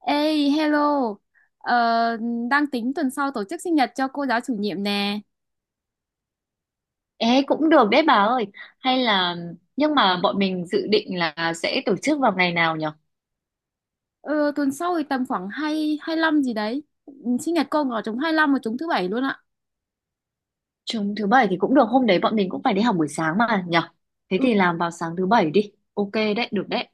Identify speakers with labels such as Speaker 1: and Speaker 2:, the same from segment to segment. Speaker 1: Ê, hello. Ờ, Đang tính tuần sau tổ chức sinh nhật cho cô giáo chủ nhiệm nè.
Speaker 2: Ê, cũng được đấy bà ơi. Hay là nhưng mà bọn mình dự định là sẽ tổ chức vào ngày nào nhở?
Speaker 1: Ờ, tuần sau thì tầm khoảng 2, lăm gì đấy. Ừ, sinh nhật cô ở trúng hai lăm và trúng thứ bảy luôn ạ.
Speaker 2: Chúng thứ bảy thì cũng được, hôm đấy bọn mình cũng phải đi học buổi sáng mà nhở? Thế
Speaker 1: Ừ,
Speaker 2: thì làm vào sáng thứ bảy đi. Ok đấy, được đấy.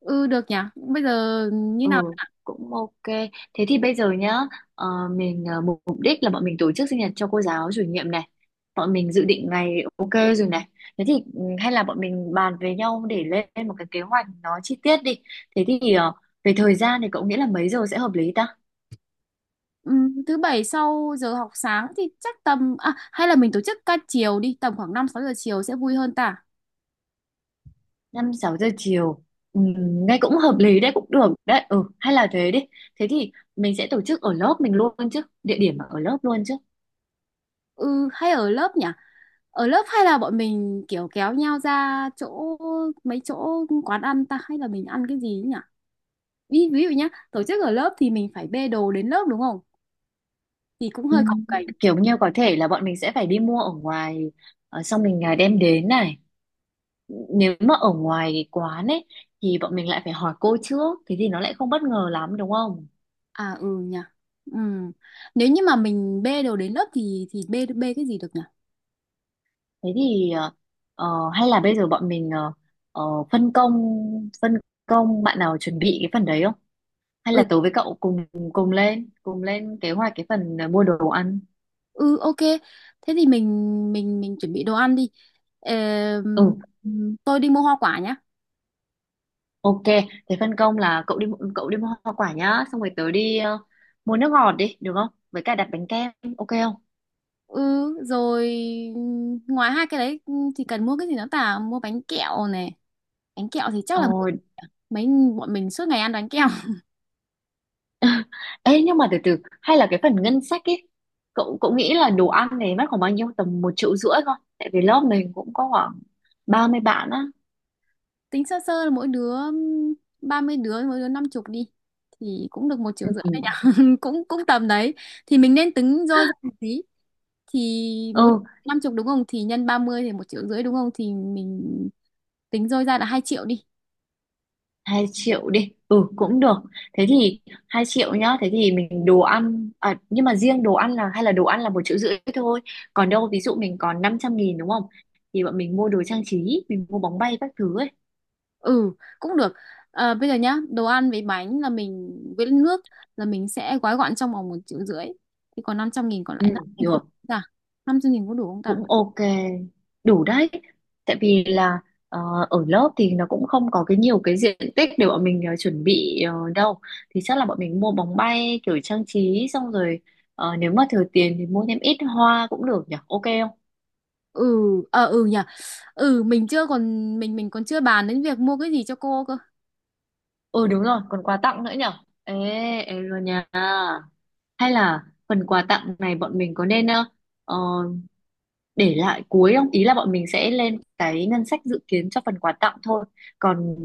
Speaker 1: ừ, Được nhỉ. Bây giờ như nào?
Speaker 2: Ừ, cũng ok. Thế thì bây giờ nhá, ờ, mình mục mục đích là bọn mình tổ chức sinh nhật cho cô giáo chủ nhiệm này. Bọn mình dự định ngày ok rồi này. Thế thì ừ, hay là bọn mình bàn với nhau để lên một cái kế hoạch nó chi tiết đi. Thế thì về thời gian thì cậu nghĩ là mấy giờ sẽ hợp lý ta?
Speaker 1: Ừ, Thứ bảy sau giờ học sáng thì chắc tầm... À, hay là mình tổ chức ca chiều đi. Tầm khoảng năm sáu giờ chiều sẽ vui hơn ta.
Speaker 2: Năm sáu giờ chiều ừ, nghe cũng hợp lý đấy, cũng được đấy, ừ hay là thế đi. Thế thì mình sẽ tổ chức ở lớp mình luôn chứ, địa điểm ở lớp luôn chứ.
Speaker 1: Ừ, hay ở lớp nhỉ? Ở lớp hay là bọn mình kiểu kéo nhau ra chỗ mấy chỗ quán ăn ta, hay là mình ăn cái gì nhỉ? Ví dụ nhá, tổ chức ở lớp thì mình phải bê đồ đến lớp đúng không? Thì cũng
Speaker 2: Ừ,
Speaker 1: hơi cồng kềnh.
Speaker 2: kiểu như có thể là bọn mình sẽ phải đi mua ở ngoài, xong mình đem đến này. Nếu mà ở ngoài quán ấy thì bọn mình lại phải hỏi cô trước, thế thì nó lại không bất ngờ lắm đúng không.
Speaker 1: À ừ nhỉ. Ừ. Nếu như mà mình bê đồ đến lớp thì bê bê cái gì được nhỉ?
Speaker 2: Thế thì hay là bây giờ bọn mình ờ, phân công phân công bạn nào chuẩn bị cái phần đấy không, hay là
Speaker 1: Ừ
Speaker 2: tớ với cậu cùng cùng lên kế hoạch cái phần mua đồ ăn.
Speaker 1: ừ ok. Thế thì mình mình chuẩn bị đồ ăn đi. Ờ,
Speaker 2: Ừ
Speaker 1: tôi đi mua hoa quả nhá.
Speaker 2: ok. Thế phân công là cậu đi cậu đi mua hoa quả nhá, xong rồi tớ đi mua nước ngọt đi được không, với cả đặt bánh kem. Ok không?
Speaker 1: Ừ rồi. Ngoài hai cái đấy thì cần mua cái gì nữa ta? Mua bánh kẹo này. Bánh kẹo thì chắc là
Speaker 2: Rồi.
Speaker 1: mấy bọn mình suốt ngày ăn bánh kẹo.
Speaker 2: Ê nhưng mà từ từ, hay là cái phần ngân sách ấy, cậu cậu nghĩ là đồ ăn này mất khoảng bao nhiêu, tầm 1,5 triệu thôi tại vì lớp mình cũng có khoảng 30 bạn á.
Speaker 1: Tính sơ sơ là mỗi đứa 30 đứa mỗi đứa năm chục đi, thì cũng được một triệu rưỡi
Speaker 2: Ừ.
Speaker 1: đấy nhỉ. Cũng cũng tầm đấy thì mình nên tính rơi ra một tí, thì mỗi
Speaker 2: Ừ,
Speaker 1: năm chục đúng không, thì nhân 30 thì một triệu rưỡi đúng không, thì mình tính rơi ra là 2 triệu đi.
Speaker 2: 2 triệu đi, ừ cũng được. Thế thì 2 triệu nhá. Thế thì mình đồ ăn à, nhưng mà riêng đồ ăn là, hay là đồ ăn là 1,5 triệu thôi, còn đâu ví dụ mình còn 500.000 đúng không, thì bọn mình mua đồ trang trí, mình mua bóng bay các thứ ấy.
Speaker 1: Ừ cũng được. Ờ, bây giờ nhá, đồ ăn với bánh là mình với nước là mình sẽ gói gọn trong vòng một triệu rưỡi, thì còn 500 nghìn còn
Speaker 2: Ừ,
Speaker 1: lại nữa mình có
Speaker 2: được,
Speaker 1: đủ không ta? Năm trăm nghìn có đủ không ta?
Speaker 2: cũng ok. Đủ đấy. Tại vì là ờ, ở lớp thì nó cũng không có cái nhiều cái diện tích để bọn mình chuẩn bị đâu, thì chắc là bọn mình mua bóng bay kiểu trang trí, xong rồi nếu mà thừa tiền thì mua thêm ít hoa cũng được nhỉ. Ok.
Speaker 1: Ừ. Nhỉ. ừ mình chưa còn mình còn chưa bàn đến việc mua cái gì cho cô cơ.
Speaker 2: Ừ đúng rồi, còn quà tặng nữa nhở? Ê, ê rồi nha. Hay là phần quà tặng này bọn mình có nên ờ, để lại cuối không? Ý là bọn mình sẽ lên cái ngân sách dự kiến cho phần quà tặng thôi. Còn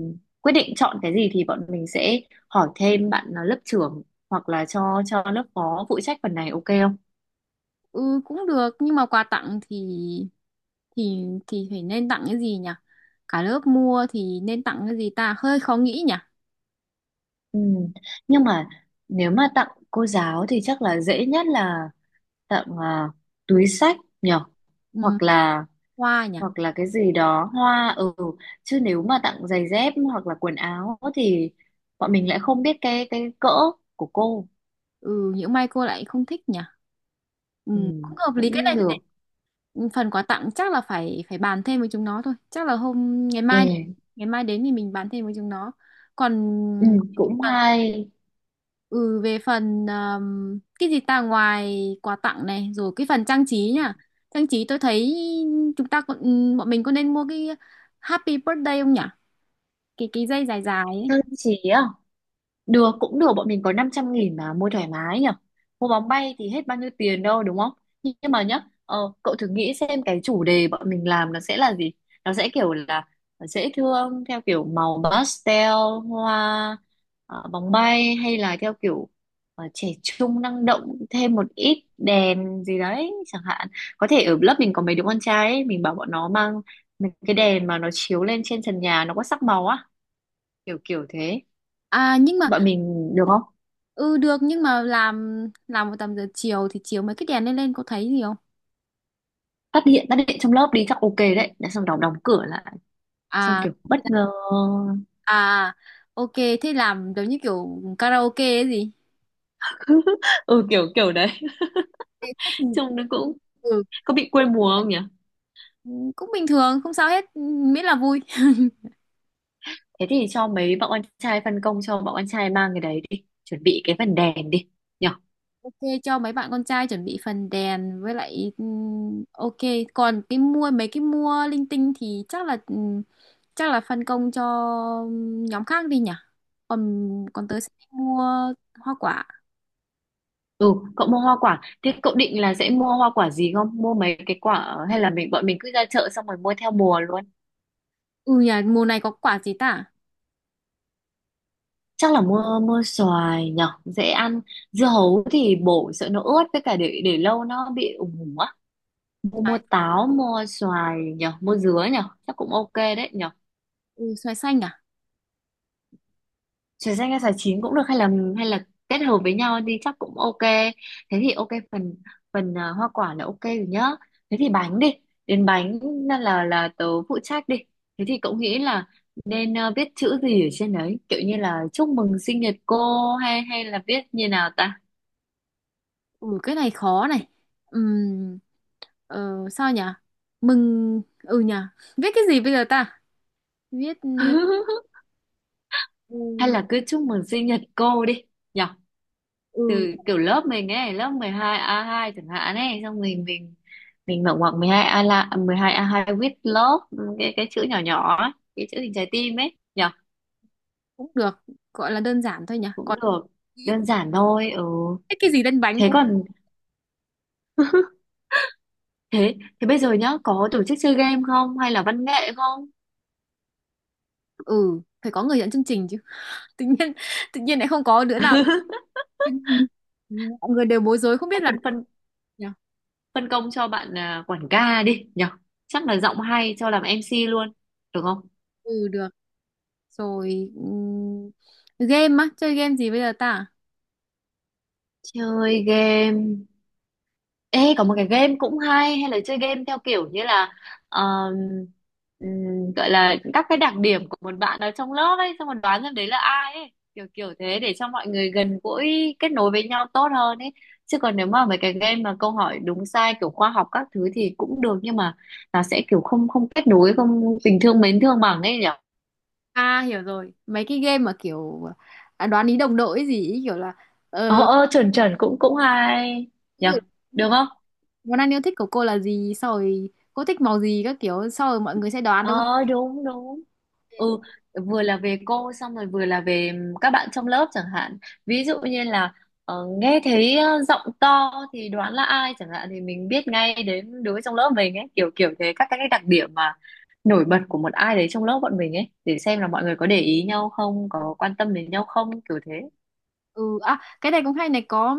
Speaker 2: quyết định chọn cái gì thì bọn mình sẽ hỏi thêm bạn lớp trưởng hoặc là cho lớp phó phụ trách phần này, ok không?
Speaker 1: Ừ cũng được, nhưng mà quà tặng thì thì phải nên tặng cái gì nhỉ? Cả lớp mua thì nên tặng cái gì ta, hơi khó nghĩ nhỉ.
Speaker 2: Ừ. Nhưng mà nếu mà tặng cô giáo thì chắc là dễ nhất là tặng túi sách nhở?
Speaker 1: Ừ,
Speaker 2: Hoặc là,
Speaker 1: hoa nhỉ.
Speaker 2: hoặc là cái gì đó hoa, ừ, chứ nếu mà tặng giày dép hoặc là quần áo thì bọn mình lại không biết cái cỡ của cô.
Speaker 1: Ừ những may cô lại không thích nhỉ. Ừ,
Speaker 2: Ừ,
Speaker 1: cũng hợp lý. Cái
Speaker 2: cũng
Speaker 1: này thì
Speaker 2: được.
Speaker 1: phần quà tặng chắc là phải phải bàn thêm với chúng nó thôi, chắc là hôm ngày mai,
Speaker 2: Ê,
Speaker 1: ngày mai đến thì mình bàn thêm với chúng nó. Còn
Speaker 2: ừ, cũng
Speaker 1: còn
Speaker 2: hay.
Speaker 1: Ừ, về phần cái gì ta, ngoài quà tặng này rồi cái phần trang trí nhá. Trang trí tôi thấy chúng ta còn ừ, bọn mình có nên mua cái Happy Birthday không nhỉ? Cái dây dài dài ấy.
Speaker 2: Sơn trí à? Được, cũng được, bọn mình có 500.000 mà mua thoải mái nhỉ. Mua bóng bay thì hết bao nhiêu tiền đâu đúng không. Nhưng mà nhá, cậu thử nghĩ xem cái chủ đề bọn mình làm nó sẽ là gì. Nó sẽ kiểu là dễ thương theo kiểu màu pastel, hoa, bóng bay, hay là theo kiểu trẻ trung năng động, thêm một ít đèn gì đấy chẳng hạn. Có thể ở lớp mình có mấy đứa con trai ấy, mình bảo bọn nó mang mấy cái đèn mà nó chiếu lên trên trần nhà, nó có sắc màu á, kiểu kiểu thế.
Speaker 1: À nhưng mà
Speaker 2: Bọn mình được không?
Speaker 1: ừ được, nhưng mà làm một tầm giờ chiều thì chiều mấy cái đèn lên lên có thấy gì không?
Speaker 2: Phát hiện, phát hiện trong lớp đi chắc ok đấy. Đã xong đóng đóng cửa lại, xong
Speaker 1: À
Speaker 2: kiểu bất ngờ.
Speaker 1: à ok, thế làm giống như kiểu karaoke ấy gì?
Speaker 2: Ừ kiểu kiểu đấy.
Speaker 1: Thế thì
Speaker 2: Trông nó cũng
Speaker 1: ừ,
Speaker 2: có bị quê mùa không nhỉ.
Speaker 1: cũng bình thường không sao hết, miễn là vui.
Speaker 2: Thế thì cho mấy bọn anh trai, phân công cho bọn anh trai mang cái đấy đi, chuẩn bị cái phần đèn đi nhỉ.
Speaker 1: Ok, cho mấy bạn con trai chuẩn bị phần đèn với lại ok. Còn cái mua mấy cái mua linh tinh thì chắc là phân công cho ừ, nhóm khác đi nhỉ. Còn Còn tớ sẽ đi mua hoa quả.
Speaker 2: Ừ cậu mua hoa quả, thế cậu định là sẽ mua hoa quả gì, không mua mấy cái quả hay là mình, bọn mình cứ ra chợ xong rồi mua theo mùa luôn.
Speaker 1: Ừ nhỉ, mùa này có quả gì ta?
Speaker 2: Chắc là mua mua xoài nhỉ, dễ ăn. Dưa hấu thì bổ sợ nó ướt, với cả để lâu nó bị ủng ủng. Mua, mua
Speaker 1: Xoài,
Speaker 2: táo, mua xoài nhở, mua dứa nhở, chắc cũng ok đấy nhở.
Speaker 1: ừ, xoài xanh à.
Speaker 2: Xoài xanh hay xoài chín cũng được, hay là, hay là kết hợp với nhau đi chắc cũng ok. Thế thì ok phần, phần hoa quả là ok rồi nhá. Thế thì bánh đi, đến bánh là, là tớ phụ trách đi. Thế thì cậu nghĩ là nên viết chữ gì ở trên đấy, kiểu như là chúc mừng sinh nhật cô, hay hay là viết như nào ta.
Speaker 1: Ừ cái này khó này. Ừm, Sao nhỉ? Ừ nhỉ, viết cái gì bây giờ ta? viết
Speaker 2: Hay
Speaker 1: ừ,
Speaker 2: là cứ chúc mừng sinh nhật cô đi nhở.
Speaker 1: ừ
Speaker 2: Từ kiểu lớp mình ấy, lớp 12 A2 chẳng hạn ấy, xong mình mở ngoặc 12 A là 12 A2 with love, cái chữ nhỏ nhỏ ấy, cái chữ hình trái tim ấy nhở.
Speaker 1: cũng được, gọi là đơn giản thôi nhỉ.
Speaker 2: Cũng
Speaker 1: Còn
Speaker 2: được, đơn giản thôi ừ.
Speaker 1: viết cái gì lên bánh
Speaker 2: Thế
Speaker 1: cũng.
Speaker 2: còn, thế, thế bây giờ nhá, có tổ chức chơi game không hay là văn nghệ không.
Speaker 1: Ừ phải có người dẫn chương trình chứ. tự nhiên tự nhiên lại không có đứa nào. Ừ, mọi người đều bối rối không biết
Speaker 2: Hay
Speaker 1: là.
Speaker 2: phân phân
Speaker 1: Nhờ.
Speaker 2: phân công cho bạn quản ca đi nhở, chắc là giọng hay cho làm MC luôn, được không?
Speaker 1: Ừ được rồi. Game á, chơi game gì bây giờ ta?
Speaker 2: Chơi game. Ê, có một cái game cũng hay, hay là chơi game theo kiểu như là um, gọi là các cái đặc điểm của một bạn ở trong lớp ấy, xong rồi đoán xem đấy là ai ấy, kiểu kiểu thế, để cho mọi người gần gũi kết nối với nhau tốt hơn ấy. Chứ còn nếu mà mấy cái game mà câu hỏi đúng sai kiểu khoa học các thứ thì cũng được, nhưng mà nó sẽ kiểu không, không kết nối, không tình thương mến thương bằng ấy nhỉ.
Speaker 1: À hiểu rồi, mấy cái game mà kiểu à, đoán ý đồng đội ấy gì ý, kiểu là
Speaker 2: ờ
Speaker 1: ờ,
Speaker 2: ờ chuẩn chuẩn, cũng cũng hay nhỉ,
Speaker 1: ví
Speaker 2: được không?
Speaker 1: món ăn yêu thích của cô là gì, sau rồi cô thích màu gì các kiểu, sau rồi mọi người sẽ đoán đúng
Speaker 2: Ờ
Speaker 1: không?
Speaker 2: đúng đúng, ừ, vừa là về cô xong rồi vừa là về các bạn trong lớp chẳng hạn. Ví dụ như là nghe thấy giọng to thì đoán là ai chẳng hạn, thì mình biết ngay đến đứa trong lớp mình ấy, kiểu kiểu thế, các cái đặc điểm mà nổi bật của một ai đấy trong lớp bọn mình ấy, để xem là mọi người có để ý nhau không, có quan tâm đến nhau không, kiểu thế.
Speaker 1: Ừ, à, cái này cũng hay này. Có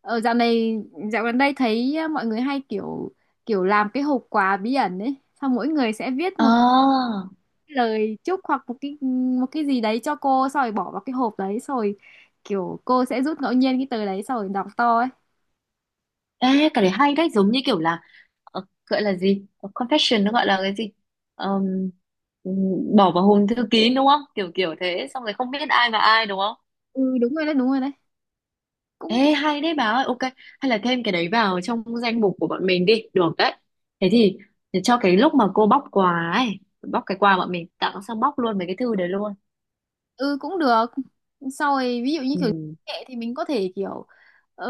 Speaker 1: ở dạo này, dạo gần đây thấy ờ, mọi người hay kiểu kiểu làm cái hộp quà bí ẩn ấy, xong mỗi người sẽ viết một
Speaker 2: Ờ,
Speaker 1: cái lời chúc hoặc một cái gì đấy cho cô, xong rồi bỏ vào cái hộp đấy, xong rồi kiểu cô sẽ rút ngẫu nhiên cái tờ đấy xong rồi đọc to ấy.
Speaker 2: ê cái đấy hay đấy, giống như kiểu là gọi là gì, ờ, confession nó gọi là cái gì. Ờm, Bỏ vào hòm thư kín đúng không, kiểu kiểu thế, xong rồi không biết ai và ai đúng không.
Speaker 1: Đúng rồi đấy. Cũng
Speaker 2: Ê hay đấy bà ơi, ok, hay là thêm cái đấy vào trong danh mục của bọn mình đi, được đấy. Thế thì để cho cái lúc mà cô bóc quà ấy, bóc cái quà bọn mình tặng sang bóc luôn mấy cái thư đấy luôn.
Speaker 1: ừ cũng được. Sau rồi ví dụ như kiểu
Speaker 2: Ừ.
Speaker 1: nghệ thì mình có thể kiểu ờ,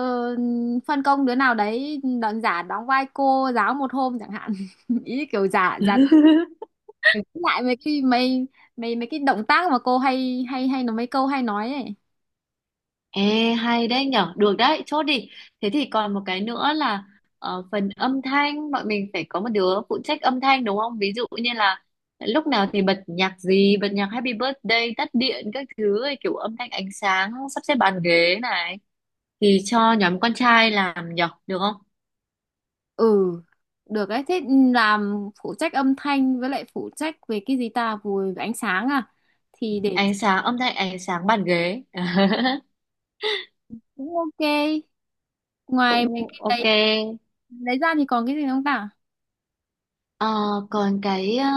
Speaker 1: phân công đứa nào đấy đóng giả đóng vai cô giáo một hôm chẳng hạn. Ý kiểu giả giả để giữ lại mấy mấy cái động tác mà cô hay hay hay nó mấy câu hay nói ấy.
Speaker 2: Ê, hay đấy nhở, được đấy, chốt đi. Thế thì còn một cái nữa là phần âm thanh, bọn mình phải có một đứa phụ trách âm thanh đúng không? Ví dụ như là lúc nào thì bật nhạc gì, bật nhạc Happy Birthday, tắt điện, các thứ, ấy, kiểu âm thanh ánh sáng, sắp xếp bàn ghế này. Thì cho nhóm con trai làm nhở, được không?
Speaker 1: Ừ được ấy. Thế làm phụ trách âm thanh với lại phụ trách về cái gì ta, về ánh sáng à? Thì để
Speaker 2: Ánh sáng, âm thanh ánh sáng bàn ghế.
Speaker 1: cũng ok. Ngoài mấy
Speaker 2: Cũng
Speaker 1: cái
Speaker 2: ok.
Speaker 1: đấy lấy ra thì còn cái gì không ta?
Speaker 2: Ờ, còn cái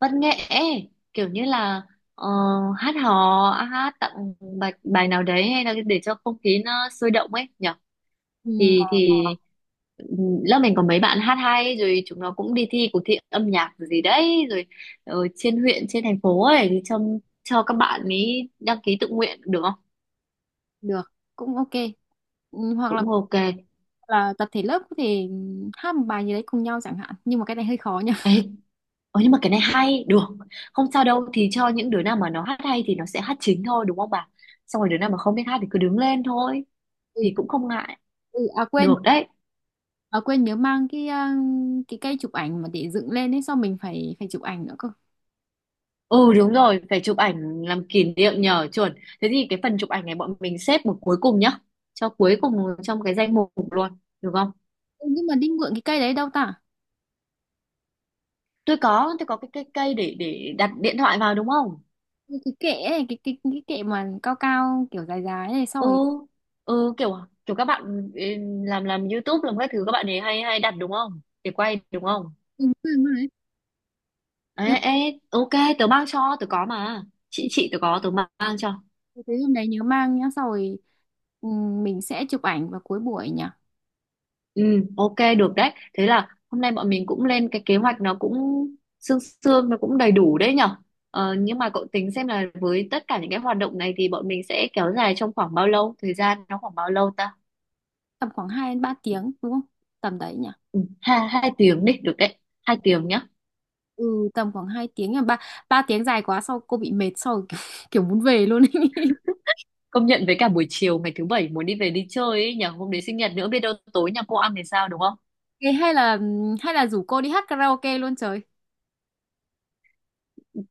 Speaker 2: văn nghệ ấy, kiểu như là ờ, hát hò hát tặng bài bài nào đấy, hay là để cho không khí nó sôi động ấy nhở.
Speaker 1: Ừ
Speaker 2: Thì ừm, lớp mình có mấy bạn hát hay rồi, chúng nó cũng đi thi cuộc thi âm nhạc rồi gì đấy rồi, ở trên huyện trên thành phố ấy, thì cho các bạn ấy đăng ký tự nguyện được không.
Speaker 1: được cũng ok. Ừ, hoặc
Speaker 2: Cũng ok
Speaker 1: là tập thể lớp có thể hát một bài gì đấy cùng nhau chẳng hạn, nhưng mà cái này hơi khó nha.
Speaker 2: ấy. Ờ nhưng mà cái này hay, được. Không sao đâu, thì cho những đứa nào mà nó hát hay thì nó sẽ hát chính thôi đúng không bà? Xong rồi đứa nào mà không biết hát thì cứ đứng lên thôi,
Speaker 1: ừ,
Speaker 2: thì cũng không ngại.
Speaker 1: ừ, À quên,
Speaker 2: Được đấy.
Speaker 1: à quên nhớ mang cái à, cái cây chụp ảnh mà để dựng lên ấy, sao mình phải phải chụp ảnh nữa cơ.
Speaker 2: Ừ đúng rồi, phải chụp ảnh làm kỷ niệm nhờ chuẩn. Thế thì cái phần chụp ảnh này bọn mình xếp một cuối cùng nhá. Cho cuối cùng trong cái danh mục luôn, được không?
Speaker 1: Ừ, nhưng mà đi mượn cái cây đấy đâu ta?
Speaker 2: Tôi có cái cây cây để đặt điện thoại vào đúng không?
Speaker 1: Cái kệ ấy, cái kệ mà cao cao kiểu dài dài này sau
Speaker 2: Ừ.
Speaker 1: rồi.
Speaker 2: Ừ kiểu kiểu các bạn ừ, làm YouTube làm các thứ, các bạn ấy hay hay đặt đúng không? Để quay đúng không?
Speaker 1: Ừ, đúng rồi đấy.
Speaker 2: Ê,
Speaker 1: Nhớ-
Speaker 2: ê, ok, tớ mang cho, tớ có mà.
Speaker 1: ừ,
Speaker 2: Chị tớ có, tớ mang cho.
Speaker 1: thế hôm đấy nhớ mang nhá, sau rồi ừ, mình sẽ chụp ảnh vào cuối buổi nhỉ.
Speaker 2: Ừ, ok, được đấy. Thế là hôm nay bọn mình cũng lên cái kế hoạch nó cũng sương sương, nó cũng đầy đủ đấy nhở. Ờ, nhưng mà cậu tính xem là với tất cả những cái hoạt động này thì bọn mình sẽ kéo dài trong khoảng bao lâu? Thời gian nó khoảng bao lâu ta?
Speaker 1: Tầm khoảng 2 đến 3 tiếng đúng không? Tầm đấy nhỉ.
Speaker 2: Ừ, hai, 2 tiếng đi, được đấy. 2 tiếng nhá.
Speaker 1: Ừ, tầm khoảng 2 tiếng là ba ba tiếng dài quá, sau cô bị mệt sau kiểu, kiểu muốn về luôn ấy.
Speaker 2: Công nhận với cả buổi chiều ngày thứ bảy muốn đi về đi chơi ấy nhở. Hôm đấy sinh nhật nữa biết đâu tối nhà cô ăn thì sao đúng không.
Speaker 1: Thế hay là rủ cô đi hát karaoke luôn trời.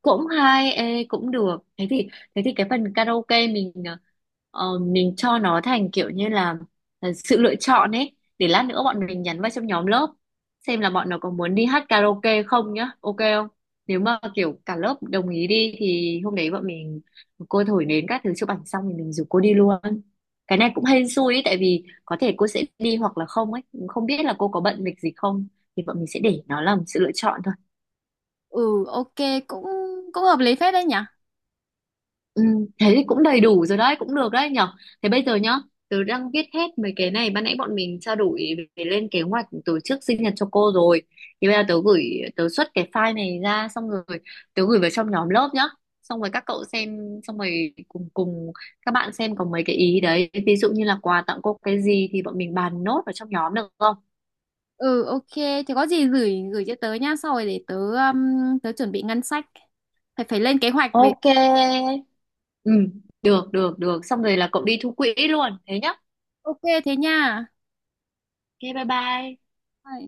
Speaker 2: Cũng hay ê, cũng được, thế thì, thế thì cái phần karaoke mình mình cho nó thành kiểu như là sự lựa chọn ấy, để lát nữa bọn mình nhắn vào trong nhóm lớp xem là bọn nó có muốn đi hát karaoke không nhá, ok không. Nếu mà kiểu cả lớp đồng ý đi thì hôm đấy bọn mình, cô thổi nến các thứ chụp ảnh xong thì mình rủ cô đi luôn. Cái này cũng hên xui ấy tại vì có thể cô sẽ đi hoặc là không ấy, không biết là cô có bận lịch gì không, thì bọn mình sẽ để nó làm sự lựa chọn thôi.
Speaker 1: Ừ ok, cũng cũng hợp lý phết đấy nhỉ.
Speaker 2: Ừ, thế thì cũng đầy đủ rồi đấy, cũng được đấy nhở. Thế bây giờ nhá, tớ đang viết hết mấy cái này, ban nãy bọn mình trao đổi về lên kế hoạch tổ chức sinh nhật cho cô rồi. Thì bây giờ tớ gửi, tớ xuất cái file này ra, xong rồi tớ gửi vào trong nhóm lớp nhá. Xong rồi các cậu xem, xong rồi cùng cùng các bạn xem có mấy cái ý đấy. Ví dụ như là quà tặng cô cái gì thì bọn mình bàn nốt vào trong nhóm được không?
Speaker 1: Ừ ok, thì có gì gửi gửi cho tớ nha, sau rồi để tớ tớ chuẩn bị ngân sách, phải phải lên kế hoạch về.
Speaker 2: Ok. Ừ, được, được, được. Xong rồi là cậu đi thu quỹ luôn, thế nhá.
Speaker 1: Ok thế nha.
Speaker 2: Ok, bye bye.
Speaker 1: Bye.